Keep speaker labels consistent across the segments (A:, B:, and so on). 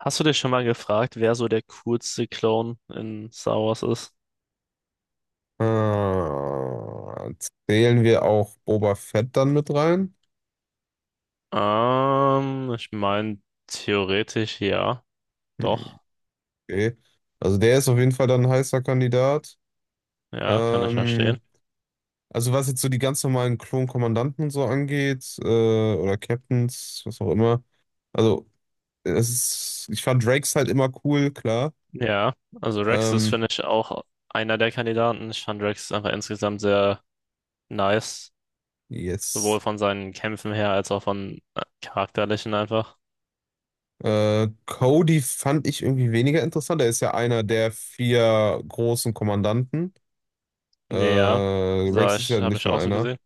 A: Hast du dich schon mal gefragt, wer so der coolste Clone in Star Wars ist?
B: Äh, Zählen wir auch Boba Fett dann mit rein?
A: Ich meine, theoretisch ja,
B: Hm,
A: doch.
B: okay. Also der ist auf jeden Fall dann ein heißer Kandidat.
A: Ja, kann ich verstehen.
B: Ähm, also was jetzt so die ganz normalen Klonkommandanten und so angeht, oder Captains, was auch immer. Also es ist, ich fand Drakes halt immer cool, klar.
A: Ja, also Rex ist,
B: Ähm,
A: finde ich, auch einer der Kandidaten. Ich fand Rex einfach insgesamt sehr nice, sowohl
B: yes.
A: von seinen Kämpfen her als auch von charakterlichen einfach.
B: Cody fand ich irgendwie weniger interessant. Er ist ja einer der vier großen Kommandanten.
A: Ja, sah
B: Rex ist
A: ich,
B: ja
A: habe
B: nicht
A: ich auch
B: mal
A: so
B: einer.
A: gesehen.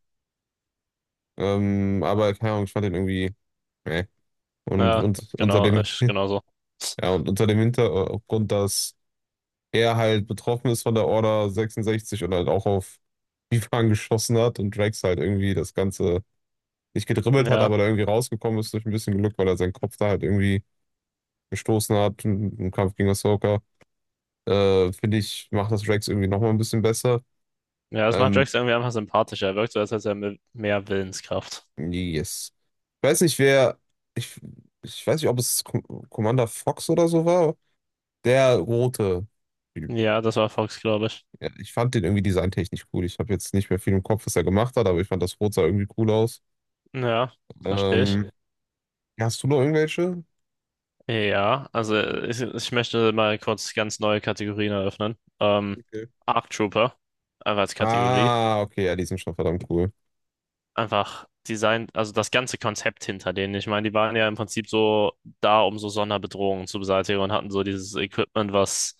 B: Aber keine Ahnung, ich fand den irgendwie. Nee. Und,
A: Ja,
B: und unter
A: genau,
B: dem,
A: ich genauso.
B: ja, und unter dem Hintergrund, dass er halt betroffen ist von der Order 66 und halt auch auf Bifang geschossen hat, und Drax halt irgendwie das Ganze nicht gedribbelt hat,
A: Ja,
B: aber da irgendwie rausgekommen ist durch ein bisschen Glück, weil er seinen Kopf da halt irgendwie gestoßen hat im Kampf gegen Ahsoka. Finde ich, macht das Drax irgendwie nochmal ein bisschen besser.
A: ja, das macht
B: Ähm,
A: Rex irgendwie einfach sympathischer. Er wirkt so, als hätte er mehr Willenskraft.
B: yes. Ich weiß nicht, wer. Ich, Ich weiß nicht, ob es Commander Fox oder so war. Der rote Typ.
A: Ja, das war Fox, glaube ich.
B: Ja, ich fand den irgendwie designtechnisch cool. Ich habe jetzt nicht mehr viel im Kopf, was er gemacht hat, aber ich fand das Rot sah irgendwie cool aus.
A: Ja, verstehe ich.
B: Ähm, ja, hast du noch irgendwelche?
A: Ja, also ich möchte mal kurz ganz neue Kategorien eröffnen.
B: Okay.
A: Arc Trooper, einfach als Kategorie.
B: Ah, okay, ja, die sind schon verdammt cool.
A: Einfach Design, also das ganze Konzept hinter denen. Ich meine, die waren ja im Prinzip so da, um so Sonderbedrohungen zu beseitigen und hatten so dieses Equipment, was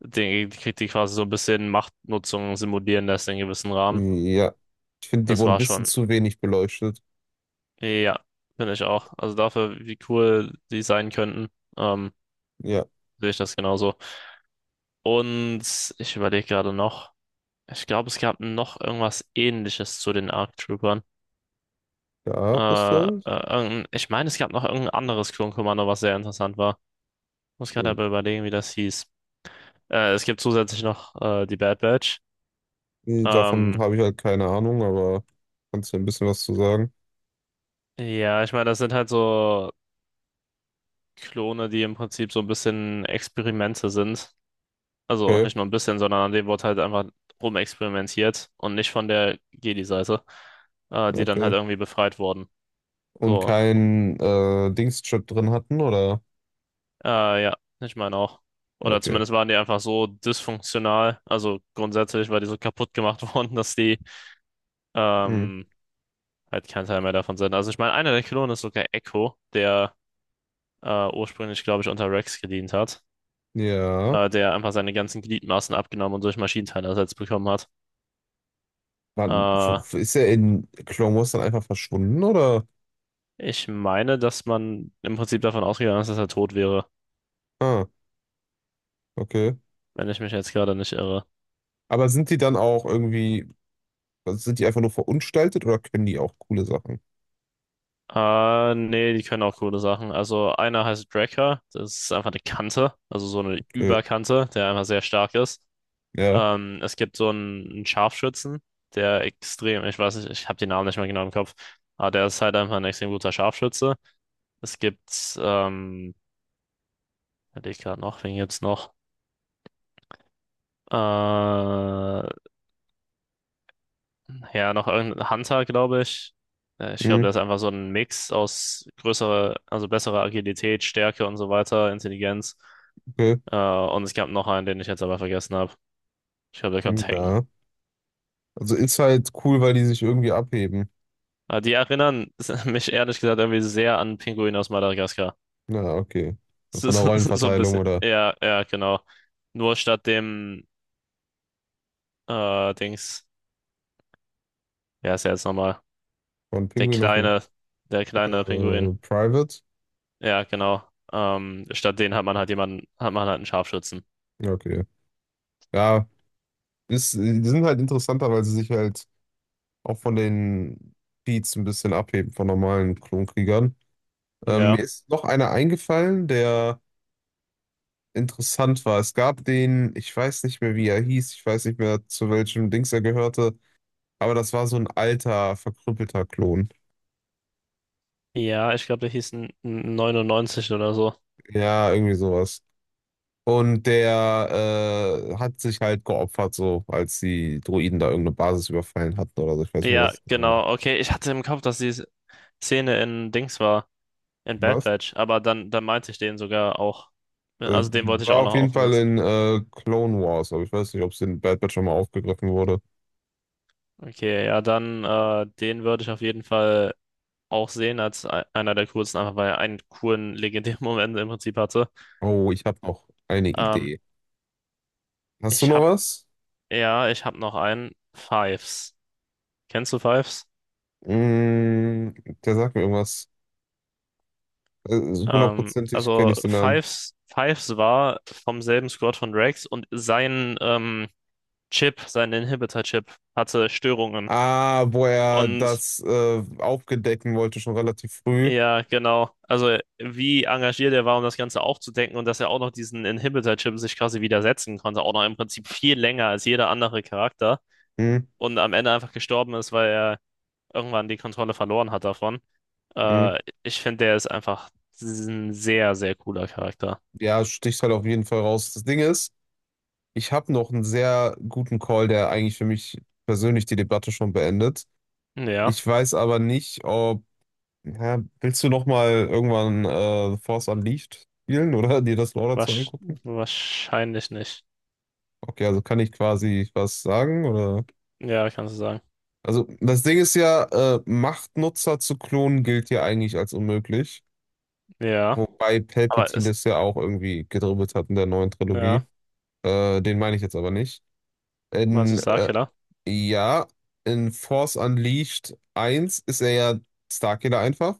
A: den, die quasi so ein bisschen Machtnutzung simulieren lässt in gewissem Rahmen.
B: Ja. Ich finde, die
A: Das
B: wurden ein
A: war
B: bisschen
A: schon,
B: zu wenig beleuchtet.
A: ja, finde ich auch. Also dafür, wie cool die sein könnten, ähm,
B: Ja,
A: sehe ich das genauso. Und ich überlege gerade noch. Ich glaube, es gab noch irgendwas Ähnliches zu den ARC Troopern.
B: gab es das?
A: Irgendein, ich meine, es gab noch irgendein anderes Klonkommando, was sehr interessant war. Muss gerade
B: Hm.
A: aber überlegen, wie das hieß. Es gibt zusätzlich noch die Bad Batch.
B: Nee, davon
A: Ähm,
B: habe ich halt keine Ahnung, aber kannst du ein bisschen was zu sagen?
A: ja, ich meine, das sind halt so Klone, die im Prinzip so ein bisschen Experimente sind. Also
B: Okay,
A: nicht nur ein bisschen, sondern an denen wird halt einfach rumexperimentiert und nicht von der Jedi-Seite, die dann halt
B: okay.
A: irgendwie befreit wurden.
B: Und
A: So,
B: kein Dingschip drin hatten, oder?
A: Ja, ich meine auch. Oder
B: Okay.
A: zumindest waren die einfach so dysfunktional. Also grundsätzlich war die so kaputt gemacht worden, dass die
B: Hm.
A: ähm, halt kein Teil mehr davon sind. Also ich meine, einer der Klonen ist sogar Echo, der ursprünglich, glaube ich, unter Rex gedient hat.
B: Ja.
A: Der einfach seine ganzen Gliedmaßen abgenommen und durch Maschinenteile ersetzt bekommen hat.
B: Wann,
A: Äh,
B: ist er in Clone Wars dann einfach verschwunden, oder?
A: Ich meine, dass man im Prinzip davon ausgegangen ist, dass er tot wäre,
B: Ah, okay.
A: wenn ich mich jetzt gerade nicht irre.
B: Aber sind die dann auch irgendwie, also sind die einfach nur verunstaltet oder können die auch coole Sachen?
A: Nee, die können auch coole Sachen. Also einer heißt Drakkar, das ist einfach eine Kante, also so eine
B: Okay,
A: Überkante, der einfach sehr stark ist.
B: ja.
A: Es gibt so einen Scharfschützen, der extrem, ich weiß nicht, ich habe den Namen nicht mehr genau im Kopf, aber der ist halt einfach ein extrem guter Scharfschütze. Es gibt, ich gerade noch, wen gibt's noch? Ja, noch irgendein Hunter, glaube ich. Ich glaube,
B: Hm,
A: der ist einfach so ein Mix aus größerer, also besserer Agilität, Stärke und so weiter, Intelligenz.
B: okay.
A: Und es gab noch einen, den ich jetzt aber vergessen habe. Ich glaube, der
B: Hm,
A: konnte hacken.
B: ja. Also ist halt cool, weil die sich irgendwie abheben.
A: Aber die erinnern mich ehrlich gesagt irgendwie sehr an Pinguin aus Madagaskar.
B: Na, okay. Also
A: So,
B: von der
A: so ein
B: Rollenverteilung
A: bisschen.
B: oder
A: Ja, ja, genau. Nur statt dem Dings, wer ist er jetzt nochmal?
B: von
A: Der
B: Pinguin aus dem
A: kleine, der kleine Pinguin.
B: Private?
A: Ja, genau. Statt den hat man halt jemanden, hat man halt einen Scharfschützen.
B: Ja, okay. Ja, ist, die sind halt interessanter, weil sie sich halt auch von den Beats ein bisschen abheben, von normalen Klonkriegern. Mir
A: Ja.
B: ist noch einer eingefallen, der interessant war. Es gab den, ich weiß nicht mehr, wie er hieß, ich weiß nicht mehr, zu welchem Dings er gehörte, aber das war so ein alter, verkrüppelter Klon.
A: Ja, ich glaube, der hieß 99 oder so.
B: Ja, irgendwie sowas. Und der hat sich halt geopfert, so als die Droiden da irgendeine Basis überfallen hatten oder so. Ich weiß nicht mehr,
A: Ja,
B: was es genau war.
A: genau. Okay, ich hatte im Kopf, dass die Szene in Dings war. In Bad
B: Was?
A: Batch, aber dann meinte ich den sogar auch. Ne, also den
B: Die
A: wollte ich
B: war
A: auch
B: auf
A: noch
B: jeden
A: offen
B: Fall
A: lassen.
B: in Clone Wars, aber ich weiß nicht, ob es in Bad Batch schon mal aufgegriffen wurde.
A: Okay, ja, dann den würde ich auf jeden Fall auch sehen als einer der coolsten, einfach weil er einen coolen, legendären Moment im Prinzip hatte.
B: Oh, ich habe noch eine
A: Ähm,
B: Idee. Hast du
A: ich
B: noch
A: hab,
B: was?
A: ja, ich hab noch einen. Fives. Kennst du Fives?
B: Mm, der sagt mir irgendwas. Hundertprozentig kenne
A: Also
B: ich den Namen.
A: Fives war vom selben Squad von Rex und sein Chip, sein Inhibitor-Chip hatte Störungen.
B: Ah, wo er
A: Und
B: das aufgedecken wollte, schon relativ früh.
A: ja, genau. Also wie engagiert er war, um das Ganze aufzudecken und dass er auch noch diesen Inhibitor-Chip sich quasi widersetzen konnte, auch noch im Prinzip viel länger als jeder andere Charakter
B: Hm,
A: und am Ende einfach gestorben ist, weil er irgendwann die Kontrolle verloren hat davon.
B: hm.
A: Äh, ich finde, der ist einfach ein sehr, sehr cooler Charakter.
B: Ja, sticht halt auf jeden Fall raus. Das Ding ist, ich habe noch einen sehr guten Call, der eigentlich für mich persönlich die Debatte schon beendet.
A: Ja,
B: Ich weiß aber nicht, ob. Ja, willst du noch mal irgendwann The Force Unleashed spielen oder dir das Lore dazu
A: wasch-
B: angucken?
A: wahrscheinlich nicht.
B: Okay, also kann ich quasi was sagen oder?
A: Ja, kannst du sagen.
B: Also das Ding ist ja, Machtnutzer zu klonen gilt ja eigentlich als unmöglich.
A: Ja,
B: Wobei
A: aber
B: Palpatine
A: es,
B: das ja auch irgendwie gedribbelt hat in der neuen
A: ja,
B: Trilogie. Den meine ich jetzt aber nicht.
A: meinst du
B: In, äh,
A: Starkiller?
B: ja, in Force Unleashed eins ist er ja Starkiller einfach.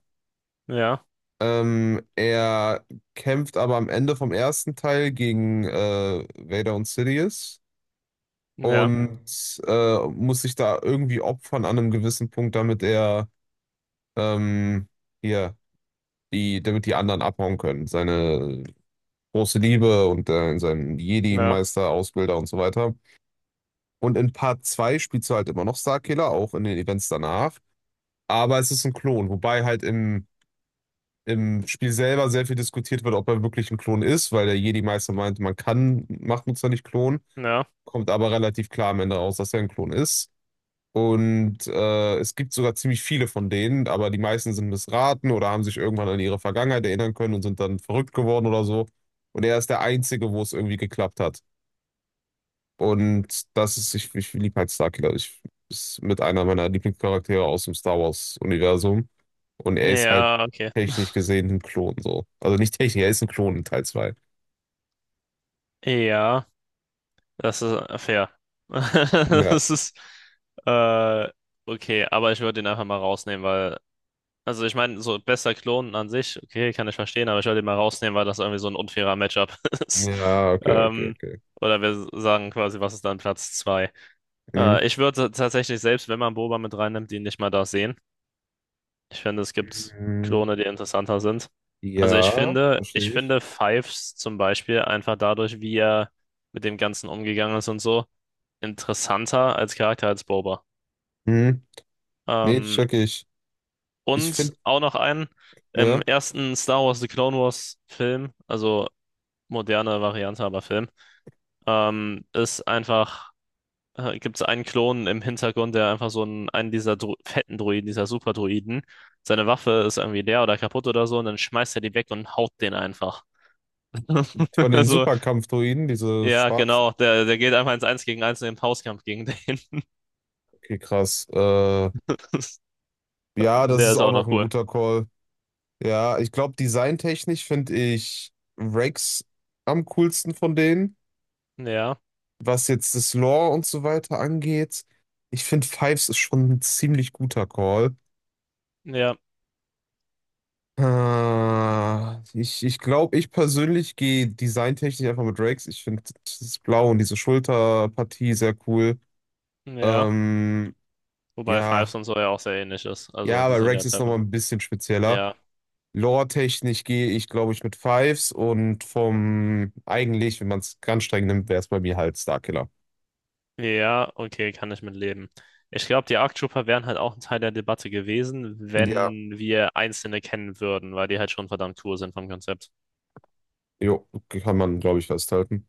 A: Ja,
B: Er kämpft aber am Ende vom ersten Teil gegen Vader und Sidious
A: ja,
B: und muss sich da irgendwie opfern an einem gewissen Punkt, damit er ähm, hier. Damit die anderen abhauen können. Seine große Liebe und seinen
A: ja,
B: Jedi-Meister, Ausbilder und so weiter. Und in Part 2 spielst du halt immer noch Starkiller, auch in den Events danach. Aber es ist ein Klon, wobei halt im Spiel selber sehr viel diskutiert wird, ob er wirklich ein Klon ist, weil der Jedi-Meister meinte, man kann Machtnutzer nicht klonen,
A: ja,
B: kommt aber relativ klar am Ende raus, dass er ein Klon ist. Und es gibt sogar ziemlich viele von denen, aber die meisten sind missraten oder haben sich irgendwann an ihre Vergangenheit erinnern können und sind dann verrückt geworden oder so. Und er ist der Einzige, wo es irgendwie geklappt hat. Und das ist, ich liebe halt Starkiller. Ich ist mit einer meiner Lieblingscharaktere aus dem Star Wars-Universum. Und er ist halt
A: ja, okay.
B: technisch gesehen ein Klon so. Also nicht technisch, er ist ein Klon in Teil 2.
A: Ja. Das ist fair.
B: Ja.
A: Das ist, äh, okay, aber ich würde ihn einfach mal rausnehmen, weil, also ich meine, so bester Klon an sich, okay, kann ich verstehen, aber ich würde ihn mal rausnehmen, weil das irgendwie so ein unfairer Matchup ist.
B: Ja, okay, okay,
A: Ähm,
B: okay.
A: oder wir sagen quasi, was ist dann Platz zwei.
B: Mhm.
A: Ich würde tatsächlich, selbst wenn man Boba mit reinnimmt, ihn nicht mal da sehen. Ich finde, es gibt
B: Mhm.
A: Klone, die interessanter sind. Also
B: Ja,
A: ich
B: verstehe ich.
A: finde Fives zum Beispiel einfach dadurch, wie er mit dem Ganzen umgegangen ist und so interessanter als Charakter als Boba.
B: Mhm. Nee,
A: Ähm,
B: check ich. Ich
A: und
B: finde
A: auch noch einen, im
B: ja,
A: ersten Star Wars The Clone Wars Film, also moderne Variante, aber Film, ist einfach, gibt es einen Klon im Hintergrund, der einfach so einen, einen dieser Dro fetten Droiden, dieser Superdroiden, seine Waffe ist irgendwie leer oder kaputt oder so und dann schmeißt er die weg und haut den einfach.
B: von den
A: Also,
B: Superkampfdroiden, diese
A: ja,
B: schwarzen.
A: genau, der geht einfach ins Eins gegen Eins in den Faustkampf gegen den.
B: Okay, krass. Ja, das
A: Der
B: ist
A: ist
B: auch
A: auch
B: noch
A: noch
B: ein
A: cool.
B: guter Call. Ja, ich glaube, designtechnisch finde ich Rex am coolsten von denen.
A: Ja,
B: Was jetzt das Lore und so weiter angeht, ich finde Fives ist schon ein ziemlich guter Call.
A: ja,
B: Ah, ich glaube, ich persönlich gehe designtechnisch einfach mit Rex. Ich finde das Blau und diese Schulterpartie sehr cool.
A: ja.
B: Ähm,
A: Wobei
B: ja.
A: Fives und so ja auch sehr ähnlich ist. Also
B: Ja,
A: die
B: aber
A: sind
B: Rex
A: ja
B: ist
A: Treffer.
B: nochmal ein bisschen spezieller.
A: Ja.
B: Lore-technisch gehe ich, glaube ich, mit Fives und vom eigentlich, wenn man es ganz streng nimmt, wäre es bei mir halt Starkiller.
A: Ja, okay, kann ich mit leben. Ich glaube, die Arc Trooper wären halt auch ein Teil der Debatte gewesen,
B: Ja.
A: wenn wir einzelne kennen würden, weil die halt schon verdammt cool sind vom Konzept.
B: Jo, kann man, glaube ich, festhalten.